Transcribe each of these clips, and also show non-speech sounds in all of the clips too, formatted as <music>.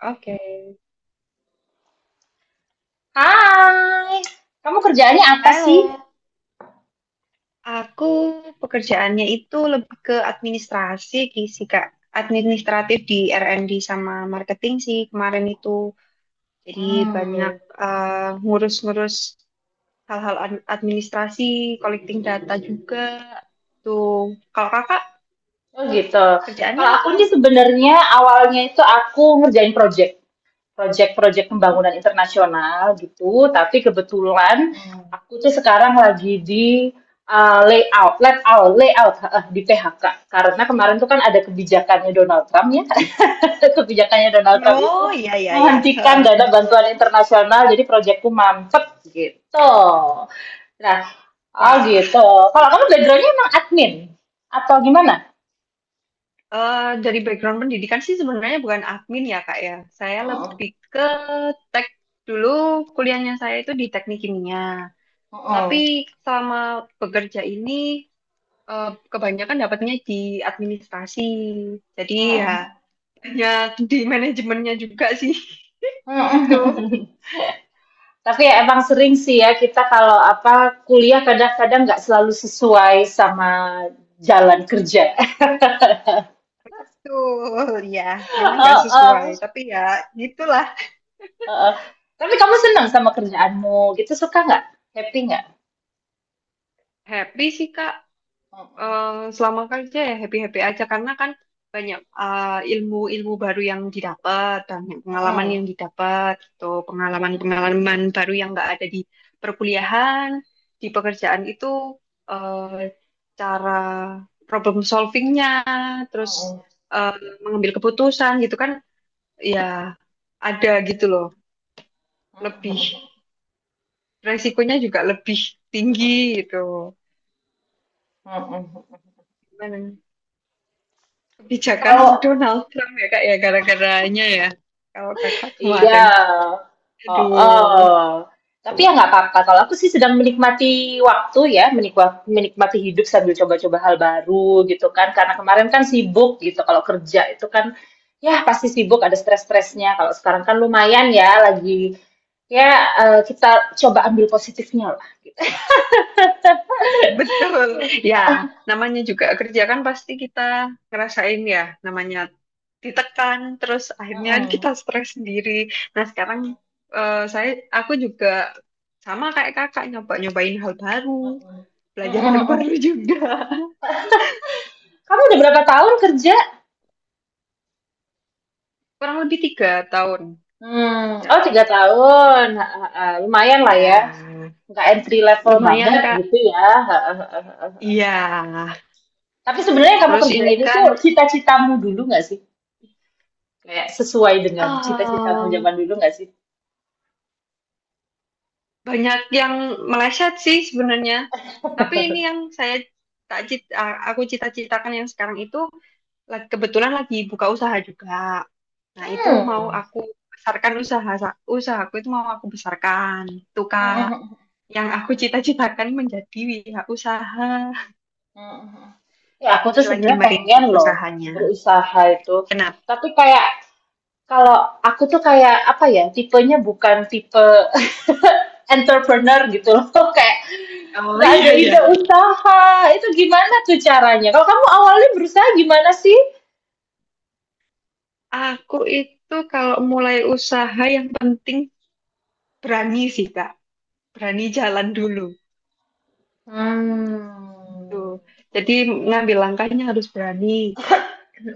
Oke. Hai, kamu kerjaannya apa sih? Halo, aku pekerjaannya itu lebih ke administrasi sih, Kak. Administratif di R&D sama marketing sih kemarin itu. Jadi banyak Hmm, eh, ngurus-ngurus hal-hal administrasi, collecting data juga. Tuh, kalau kakak oh gitu. kerjaannya Kalau aku apa? sih sebenarnya awalnya itu aku ngerjain project. Proyek-proyek pembangunan internasional gitu, tapi kebetulan Oh. aku tuh sekarang lagi di layout, layout, layout heeh, di PHK karena kemarin tuh kan ada kebijakannya Donald Trump ya, <laughs> kebijakannya Donald Trump itu Oh, iya, iya, iya. menghentikan dana <laughs> bantuan internasional, jadi proyekku mampet gitu. Nah, oh Wah. gitu. Kalau kamu backgroundnya emang admin atau gimana? Dari background pendidikan sih sebenarnya bukan admin ya Kak ya. Saya Heeh. lebih ke tek dulu kuliahnya saya itu di teknik kimia. Heeh. Tapi selama bekerja ini kebanyakan dapatnya di administrasi. Jadi ya Heeh. hanya di manajemennya juga sih <laughs> Heeh. gitu. <laughs> Tapi ya emang sering sih ya kita kalau apa kuliah kadang-kadang nggak selalu sesuai sama jalan kerja. <laughs> Tuh ya, memang nggak sesuai. Heeh, Tapi ya gitulah. heeh. Tapi kamu senang sama kerjaanmu gitu suka nggak? Happy nggak? Happy sih Kak. Heeh, eh, Selama kerja ya happy-happy aja karena kan banyak ilmu-ilmu baru yang didapat, banyak pengalaman heeh, yang didapat, gitu. heeh, Pengalaman-pengalaman baru yang nggak ada di perkuliahan, di pekerjaan itu eh, cara problem solvingnya, terus heeh, eh, mengambil keputusan gitu kan, ya ada gitu loh. Lebih heeh, resikonya juga lebih tinggi gitu. heeh, heeh. Gimana? Kebijakan Kalau <laughs> Donald Trump ya kak ya gara-garanya ya. Kalau kakak Iya, kemarin, oh aduh, oh. Tapi ya nggak apa-apa, kalau aku sih sedang menikmati waktu ya, menikmati hidup sambil coba-coba hal baru gitu kan, karena kemarin kan sibuk gitu, kalau kerja itu kan, ya pasti sibuk, ada stres-stresnya, kalau sekarang kan lumayan ya lagi ya, kita coba ambil positifnya lah. betul. Ya, namanya juga kerja kan pasti kita ngerasain ya, namanya ditekan, terus akhirnya Mhm, kita stres sendiri. Nah sekarang mhm, eh, saya, aku juga sama kayak kakak nyobain hal baru, mhm, belajar hal mhm baru mhm. juga. Kamu udah berapa tahun kerja? <laughs> Kurang lebih 3 tahun Mmm, kerja. oh tiga Mm, tahun, heeh heeh, lumayan lah ya. ya, Nggak entry level banget lumayan kak. gitu ya. Iya, <laughs> Tapi sebenarnya yang kamu terus ini kerjain itu kan cita-citamu dulu nggak sih? Kayak sesuai dengan cita-citamu Em, zaman dulu nggak sih? banyak yang meleset sih sebenarnya. Tapi ini yang saya tak cit- a- aku cita-citakan yang sekarang itu kebetulan lagi buka usaha juga. Nah, itu mau Hmm. aku besarkan usaha usahaku itu mau aku besarkan. Itu Kak, <laughs> yang aku cita-citakan menjadi wira usaha. Ya aku tuh Ini lagi sebenarnya pengen merintis loh usahanya. berusaha itu. Kenapa? Tapi kayak kalau aku tuh kayak apa ya tipenya bukan tipe <laughs> entrepreneur gitu loh <laughs> kayak Oh <laughs> nggak ada iya iya. ide usaha itu gimana tuh caranya? Kalau kamu awalnya berusaha gimana sih? Aku itu kalau mulai usaha yang penting berani sih, Kak. Berani jalan dulu. Mmm. Tuh. Jadi ngambil langkahnya harus berani.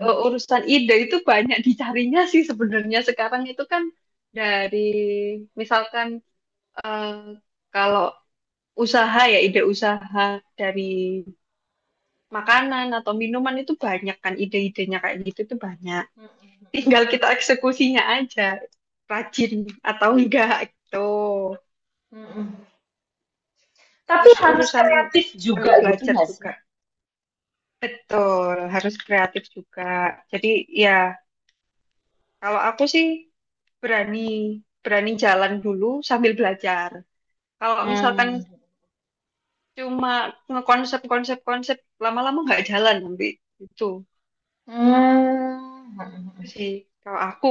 Urusan ide itu banyak dicarinya sih sebenarnya sekarang itu kan dari misalkan eh, kalau usaha ya ide usaha dari makanan atau minuman itu banyak kan ide-idenya kayak gitu itu banyak. Tinggal kita eksekusinya aja rajin atau enggak gitu. Mhm mhm. Tapi Terus harus urusan kreatif juga ambil gitu belajar nggak juga. sih? Betul, harus kreatif juga. Jadi ya kalau aku sih berani berani jalan dulu sambil belajar. Kalau misalkan Hmm. cuma ngekonsep konsep konsep lama-lama nggak jalan nanti itu Hmm. Mhm mhm. sih. Kalau aku,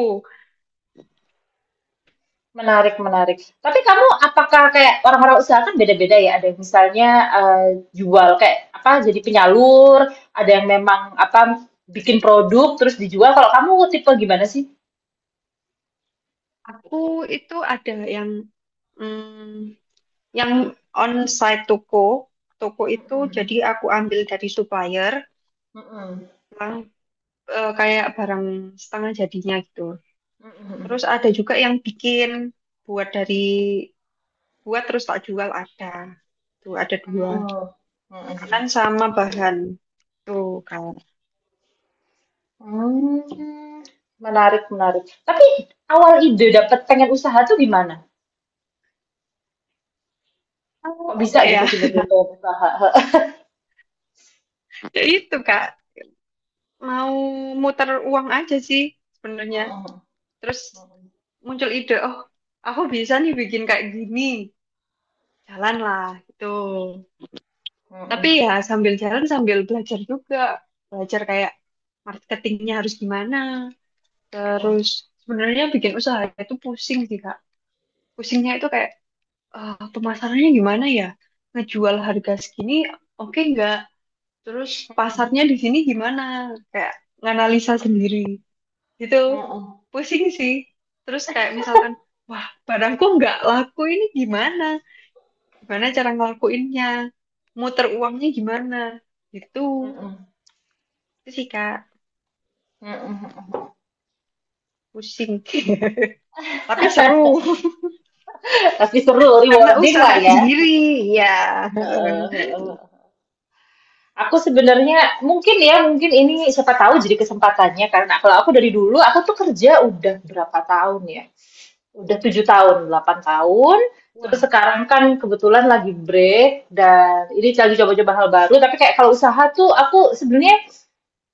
Menarik menarik. Tapi kamu apakah kayak orang-orang usaha kan beda-beda ya, ada yang misalnya, eee, jual kayak apa, jadi penyalur, ada yang memang apa, bikin produk terus dijual, kalau kamu tipe gimana sih? aku itu ada yang mm, yang onsite toko itu Mhm jadi aku ambil dari supplier, mhm. yang kayak barang setengah jadinya gitu. Mhm. Mhm Terus mhm. ada juga yang bikin buat dari buat terus tak jual ada. Tuh ada dua. Oh. Mhm Makanan mhm. sama bahan. Tuh, Kak. Hmm, menarik menarik. Tapi awal ide dapat pengen usaha tuh gimana? Eh, Kok bisa apa ya? gitu <laughs> tiba-tiba pengen usaha? <laughs> Ya itu, Kak. Mau muter uang aja sih sebenarnya. Heeh. Terus muncul ide, oh, aku bisa nih bikin kayak gini. Jalanlah, gitu. Tapi Mhm ya sambil jalan, sambil belajar juga. Belajar kayak marketingnya harus gimana. Terus sebenarnya bikin usaha itu pusing sih, Kak. Pusingnya itu kayak, pemasarannya gimana ya? Ngejual harga segini, oke nggak? Terus pasarnya di sini gimana? Kayak nganalisa sendiri gitu. mhm mhm Pusing sih. Terus kayak misalkan, wah barangku nggak laku ini gimana? Gimana cara ngelakuinnya? Muter uangnya gimana? Gitu. mhm Itu sih Kak, mhm mhm mhm. pusing. <laughs> Tapi seru <laughs> Pasti seru, karena rewarding lah usaha ya. sendiri. Ya. <laughs> Heeh heeh. Aku sebenarnya mungkin ya, mungkin ini siapa tahu jadi kesempatannya, karena kalau aku dari dulu, aku tuh kerja udah berapa tahun ya? Udah 7 tahun, 8 tahun. Terus Wah, sekarang kan kebetulan lagi break dan ini lagi coba-coba hal baru. Tapi kayak kalau usaha tuh aku sebenarnya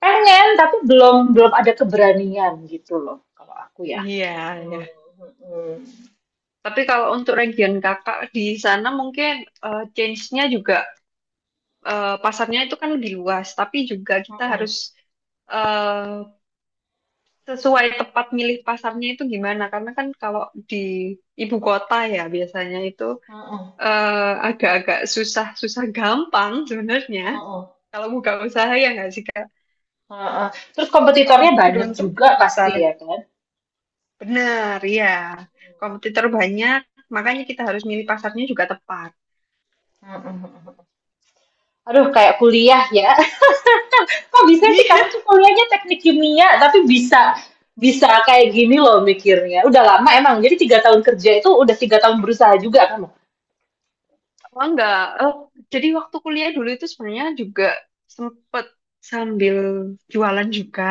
pengen tapi belum belum ada keberanian gitu loh kalau aku ya. iya ya. Mm-mm, mm-mm, Tapi kalau untuk region kakak di sana mungkin change-nya juga pasarnya itu kan lebih luas, tapi juga kita mm-mm, harus eh, sesuai tepat milih pasarnya itu gimana. Karena kan kalau di ibu kota ya biasanya itu mm-mm, eh, agak-agak susah, susah gampang sebenarnya. mm-mm, Kalau buka usaha ya nggak sih Kak? mm-mm. Terus Kalau kompetitornya banyak beruntung juga jadi pasti besar. ya kan. Benar, ya. Kompetitor banyak, makanya kita harus milih pasarnya juga tepat. Mm-mm, mm-mm. Aduh kayak kuliah ya. <laughs> Kok bisa sih kamu <laughs> tuh kuliahnya teknik kimia tapi bisa bisa kayak gini loh mikirnya. Udah lama emang. Jadi 3 tahun kerja itu udah 3 tahun berusaha juga kamu. Oh enggak, Eh, jadi waktu kuliah dulu itu sebenarnya juga sempet sambil jualan juga,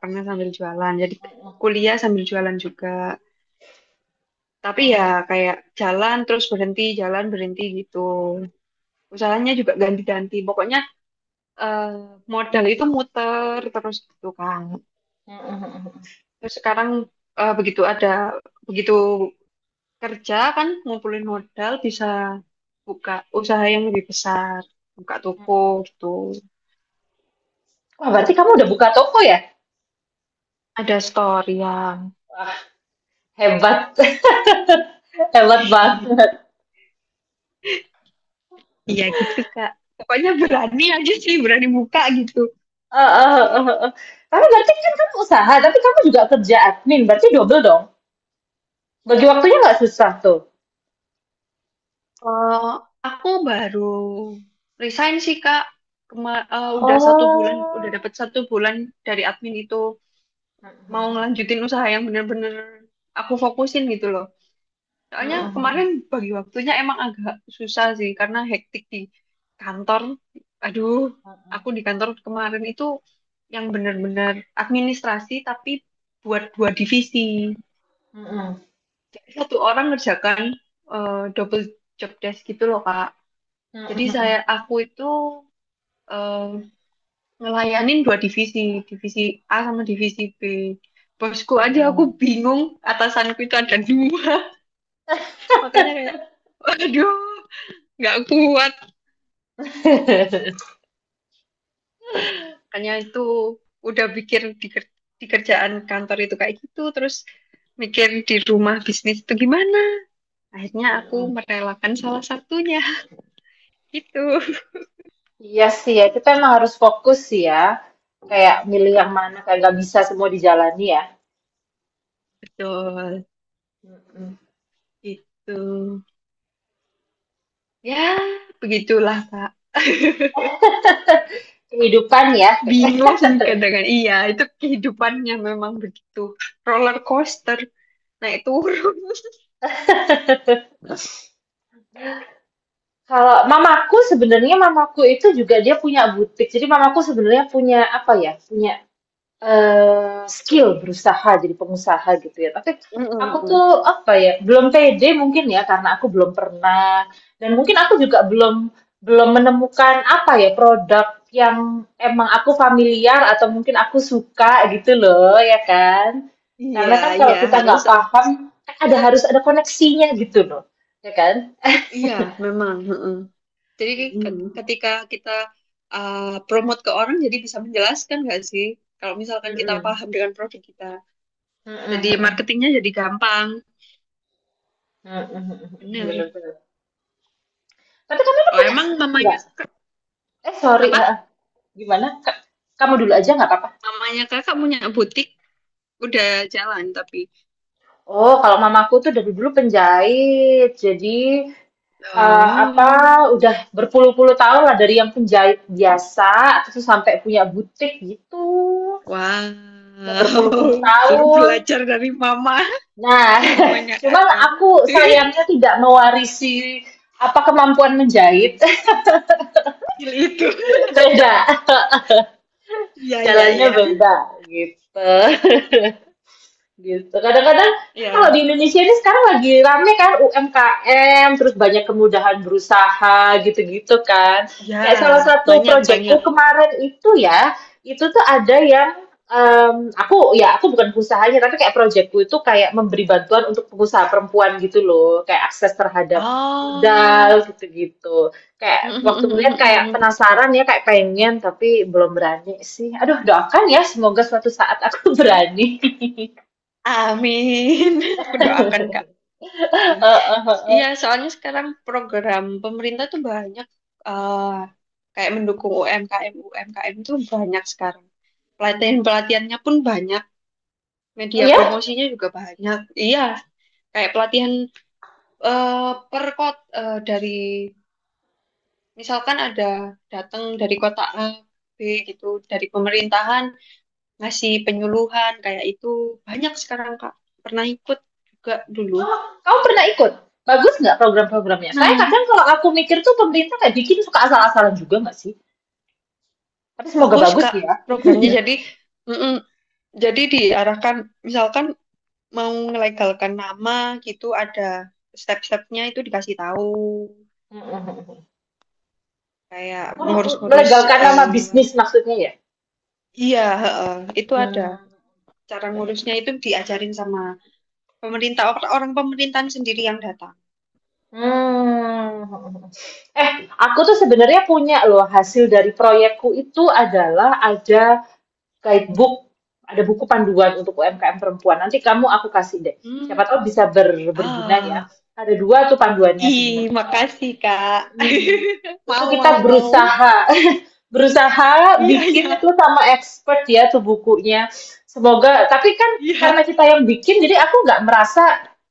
pernah sambil jualan. Jadi Mm-mm, kuliah sambil jualan juga. Tapi ya mm-mm, kayak jalan terus berhenti, jalan berhenti gitu. Usahanya juga ganti-ganti. Pokoknya eh, modal itu muter terus gitu kan. mm-mm. Terus sekarang eh, begitu ada, begitu kerja kan ngumpulin modal bisa buka usaha yang lebih besar, buka toko gitu. Wah berarti kamu udah buka toko ya? Ada storyan. Wah, hebat, <laughs> hebat banget. Iya gitu Kak. Pokoknya berani aja sih, berani buka gitu. Eh, eh, eh, eh. Eh. Tapi berarti kan kamu usaha, tapi kamu juga kerja admin, berarti double dong. Bagi waktunya nggak susah tuh. Eh, aku baru resign sih Kak. Udah satu bulan, udah Oh. dapat satu bulan dari admin itu mau ngelanjutin usaha yang bener-bener aku fokusin gitu loh. Soalnya kemarin Mm-mm, bagi waktunya emang agak susah sih karena hektik di kantor. Aduh, aku di kantor kemarin itu yang bener-bener administrasi tapi buat dua divisi. mm-mm, Jadi satu orang ngerjakan double job desk gitu loh Kak. Jadi saya mm-mm, aku itu eh, ngelayanin dua divisi, divisi A sama divisi B. Bosku aja mm-mm. aku bingung atasanku itu ada dua. <laughs> Makanya kayak, waduh, nggak kuat. <laughs> Makanya itu udah pikir di kerjaan kantor itu kayak gitu, terus mikir di rumah bisnis itu gimana. Akhirnya aku Mm-mm. merelakan salah satunya. <laughs> Gitu. Iya sih ya, kita emang harus fokus sih ya. Kayak milih yang mana, kayak nggak bisa semua dijalani ya. Betul, Mm-mm. gitu. Ya, begitulah, Kak. <laughs> Kehidupan ya. Bingung kadang. Iya, itu kehidupannya memang begitu. Roller coaster, naik turun. <laughs> <laughs> Kalau mamaku sebenarnya mamaku itu juga dia punya butik. Jadi mamaku sebenarnya punya apa ya? Punya skill berusaha jadi pengusaha gitu ya. Tapi aku Mm-mm-mm. tuh apa ya, belum pede mungkin ya karena aku belum pernah dan mungkin aku juga belum belum menemukan apa ya produk yang emang aku familiar atau mungkin aku suka gitu loh ya kan. Iya, Karena kan iya kalau kita harus. nggak paham kan ada harus ada koneksinya gitu loh ya kan. Iya, memang. Heeh. Jadi Mm-mm. ketika kita ah, promote ke orang, jadi bisa menjelaskan nggak sih? Kalau misalkan kita Mm-mm. paham dengan produk kita, Mm-mm. jadi Mm-mm. marketingnya jadi gampang. Mm-mm. Bener. Bener-bener. Tapi kamu tuh Oh, punya emang staff mamanya nggak? kakak- Eh sorry, ha. apa? Gimana? Kamu dulu aja nggak apa-apa. Mamanya kakak punya butik udah jalan tapi. Oh, kalau mamaku tuh dari dulu penjahit. Jadi apa Oh, udah berpuluh-puluh tahun lah dari yang penjahit biasa terus sampai punya butik gitu. wow. Udah berpuluh-puluh <laughs> Perlu tahun. belajar dari Nah, mamanya <laughs> cuman kakak. aku sayangnya tidak mewarisi apa kemampuan menjahit. <laughs> <laughs> itu. Beda, Ya, ya, jalannya ya, beda gitu. <laughs> Gitu. Kadang-kadang kan kalau iya. di Indonesia ini sekarang lagi rame kan UMKM, terus banyak kemudahan berusaha gitu-gitu kan. Ya, Kayak salah satu banyak, proyekku banyak. kemarin itu ya, itu tuh ada yang aku ya aku bukan usahanya tapi kayak proyekku itu kayak memberi bantuan untuk pengusaha perempuan gitu loh, kayak akses terhadap modal Oh. gitu-gitu. Kayak waktu melihat kayak <laughs> penasaran ya, kayak pengen tapi belum berani sih. Aduh, doakan ya semoga suatu saat aku <laughs> berani. Amin. <laughs> Aku doakan, Kak. Hmm. Heeh, heeh. Iya, soalnya sekarang program pemerintah tuh banyak eh, kayak mendukung UMKM. UMKM tuh banyak sekarang. Pelatihan-pelatihannya pun banyak, Oh media ya? promosinya juga banyak. Iya, kayak pelatihan per kota dari misalkan ada datang dari kota A B gitu dari pemerintahan ngasih penyuluhan kayak itu banyak sekarang Kak, pernah ikut juga dulu. Oh, kamu pernah ikut? Bagus nggak program-programnya? Saya Pernah kadang kalau aku mikir tuh pemerintah kayak bikin suka asal-asalan juga nggak sih? Tapi semoga bagus bagus Kak ya. programnya, <laughs> jadi mm-mm. Jadi diarahkan misalkan mau melegalkan nama gitu ada step-stepnya itu dikasih tahu kayak Oh, ngurus-ngurus melegalkan nama eh, bisnis maksudnya ya? iya heeh, itu ada. Hmm. Cara ngurusnya itu diajarin sama pemerintah, orang pemerintahan sendiri yang datang. Hmm. Eh, aku tuh sebenarnya punya loh hasil dari proyekku itu adalah ada guidebook, ada buku panduan untuk UMKM perempuan. Nanti kamu aku kasih deh. Siapa Hmm. tahu bisa berguna ya. Ah, Ada dua tuh panduannya ih, sebenarnya. makasih, Kak. Hmm. <laughs> Itu Mau, mau, kita mau. berusaha <laughs> berusaha Iya, bikin iya, itu sama expert ya tuh bukunya. Semoga tapi kan karena iya. kita yang bikin jadi aku nggak merasa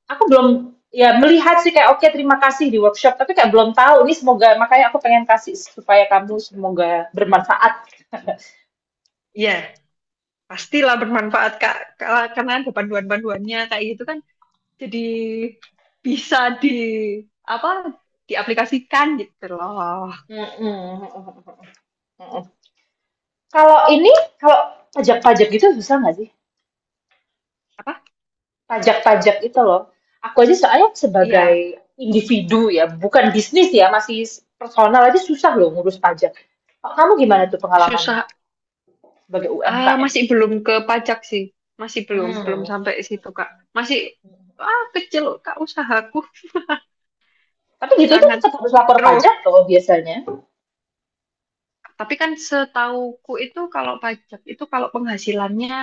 aku belum ya melihat sih kayak oke terima kasih di workshop tapi kayak belum tahu ini semoga makanya aku pengen kasih supaya kamu semoga bermanfaat. Iya, pastilah bermanfaat, Kak. Karena ada panduan-panduannya kayak gitu kan jadi bisa di apa diaplikasikan gitu loh. Mm-mm. Kalau ini, kalau pajak-pajak gitu susah nggak sih? Apa? Pajak-pajak itu loh. Aku aja soalnya sebagai Iya, individu ya, bukan bisnis ya, masih personal aja susah loh ngurus pajak. Kalau kamu gimana tuh pengalamannya susah. sebagai Ah, UMKM? masih belum ke pajak sih. Masih belum, belum Hmm. sampai situ, Kak. Masih kecil, Kak, usahaku Tapi gitu tuh sangat tetap harus lapor mikro. pajak loh biasanya. Tapi kan setauku itu kalau pajak itu kalau penghasilannya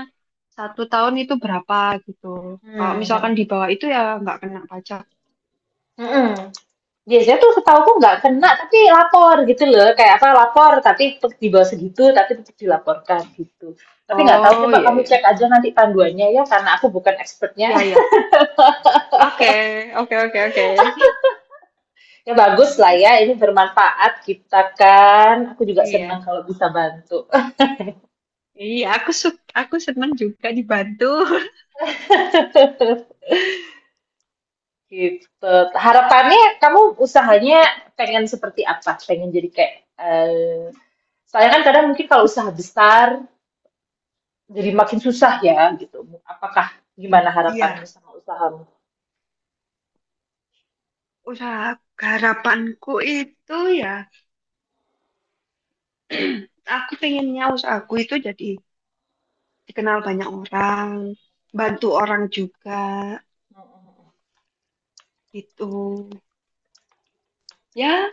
satu tahun itu berapa gitu. Kalau Hmm. misalkan di bawah itu ya nggak kena pajak. Mm-mm. Biasanya tuh setahuku nggak kena, Mm. tapi lapor gitu loh. Kayak apa, lapor tapi tetep di bawah segitu, tapi tetap dilaporkan gitu. Tapi nggak tahu, Oh coba iya kamu iya. cek aja nanti panduannya ya, karena aku bukan expertnya. Iya <laughs> iya. Oke, oke oke oke. Ya bagus lah ya, ini bermanfaat kita kan. Aku juga senang Iya. kalau bisa bantu. Iya, aku aku senang juga dibantu. <laughs> <laughs> Gitu. Harapannya kamu usahanya pengen seperti apa? Pengen jadi kayak eh soalnya kan kadang mungkin kalau usaha besar jadi makin susah ya gitu. Apakah gimana harapanmu Iya, sama usahamu? usaha harapanku itu ya aku pengennya usaha aku itu jadi dikenal banyak orang, bantu Mhm, orang juga mhm, gitu. Ya,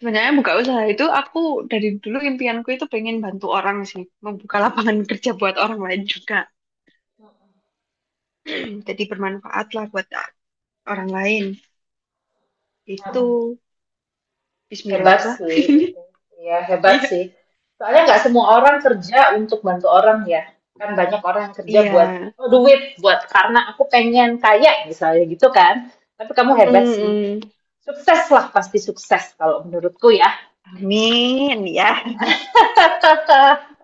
sebenarnya buka usaha itu aku dari dulu impianku itu pengen bantu orang sih, membuka lapangan <laughs> kerja buat orang lain juga. <clears throat> Jadi bermanfaat lah buat orang lain. Itu mhm. Bismillah Hebat lah. sih itu. Ya hebat Iya. sih. Soalnya nggak semua orang kerja untuk bantu orang ya. Kan banyak orang yang kerja buat Iya. "Oh, duit, buat karena aku pengen kaya misalnya gitu kan. Tapi kamu Mm, hebat mm, sih. mm. Sukses lah, pasti sukses kalau menurutku ya. Amin ya. <laughs>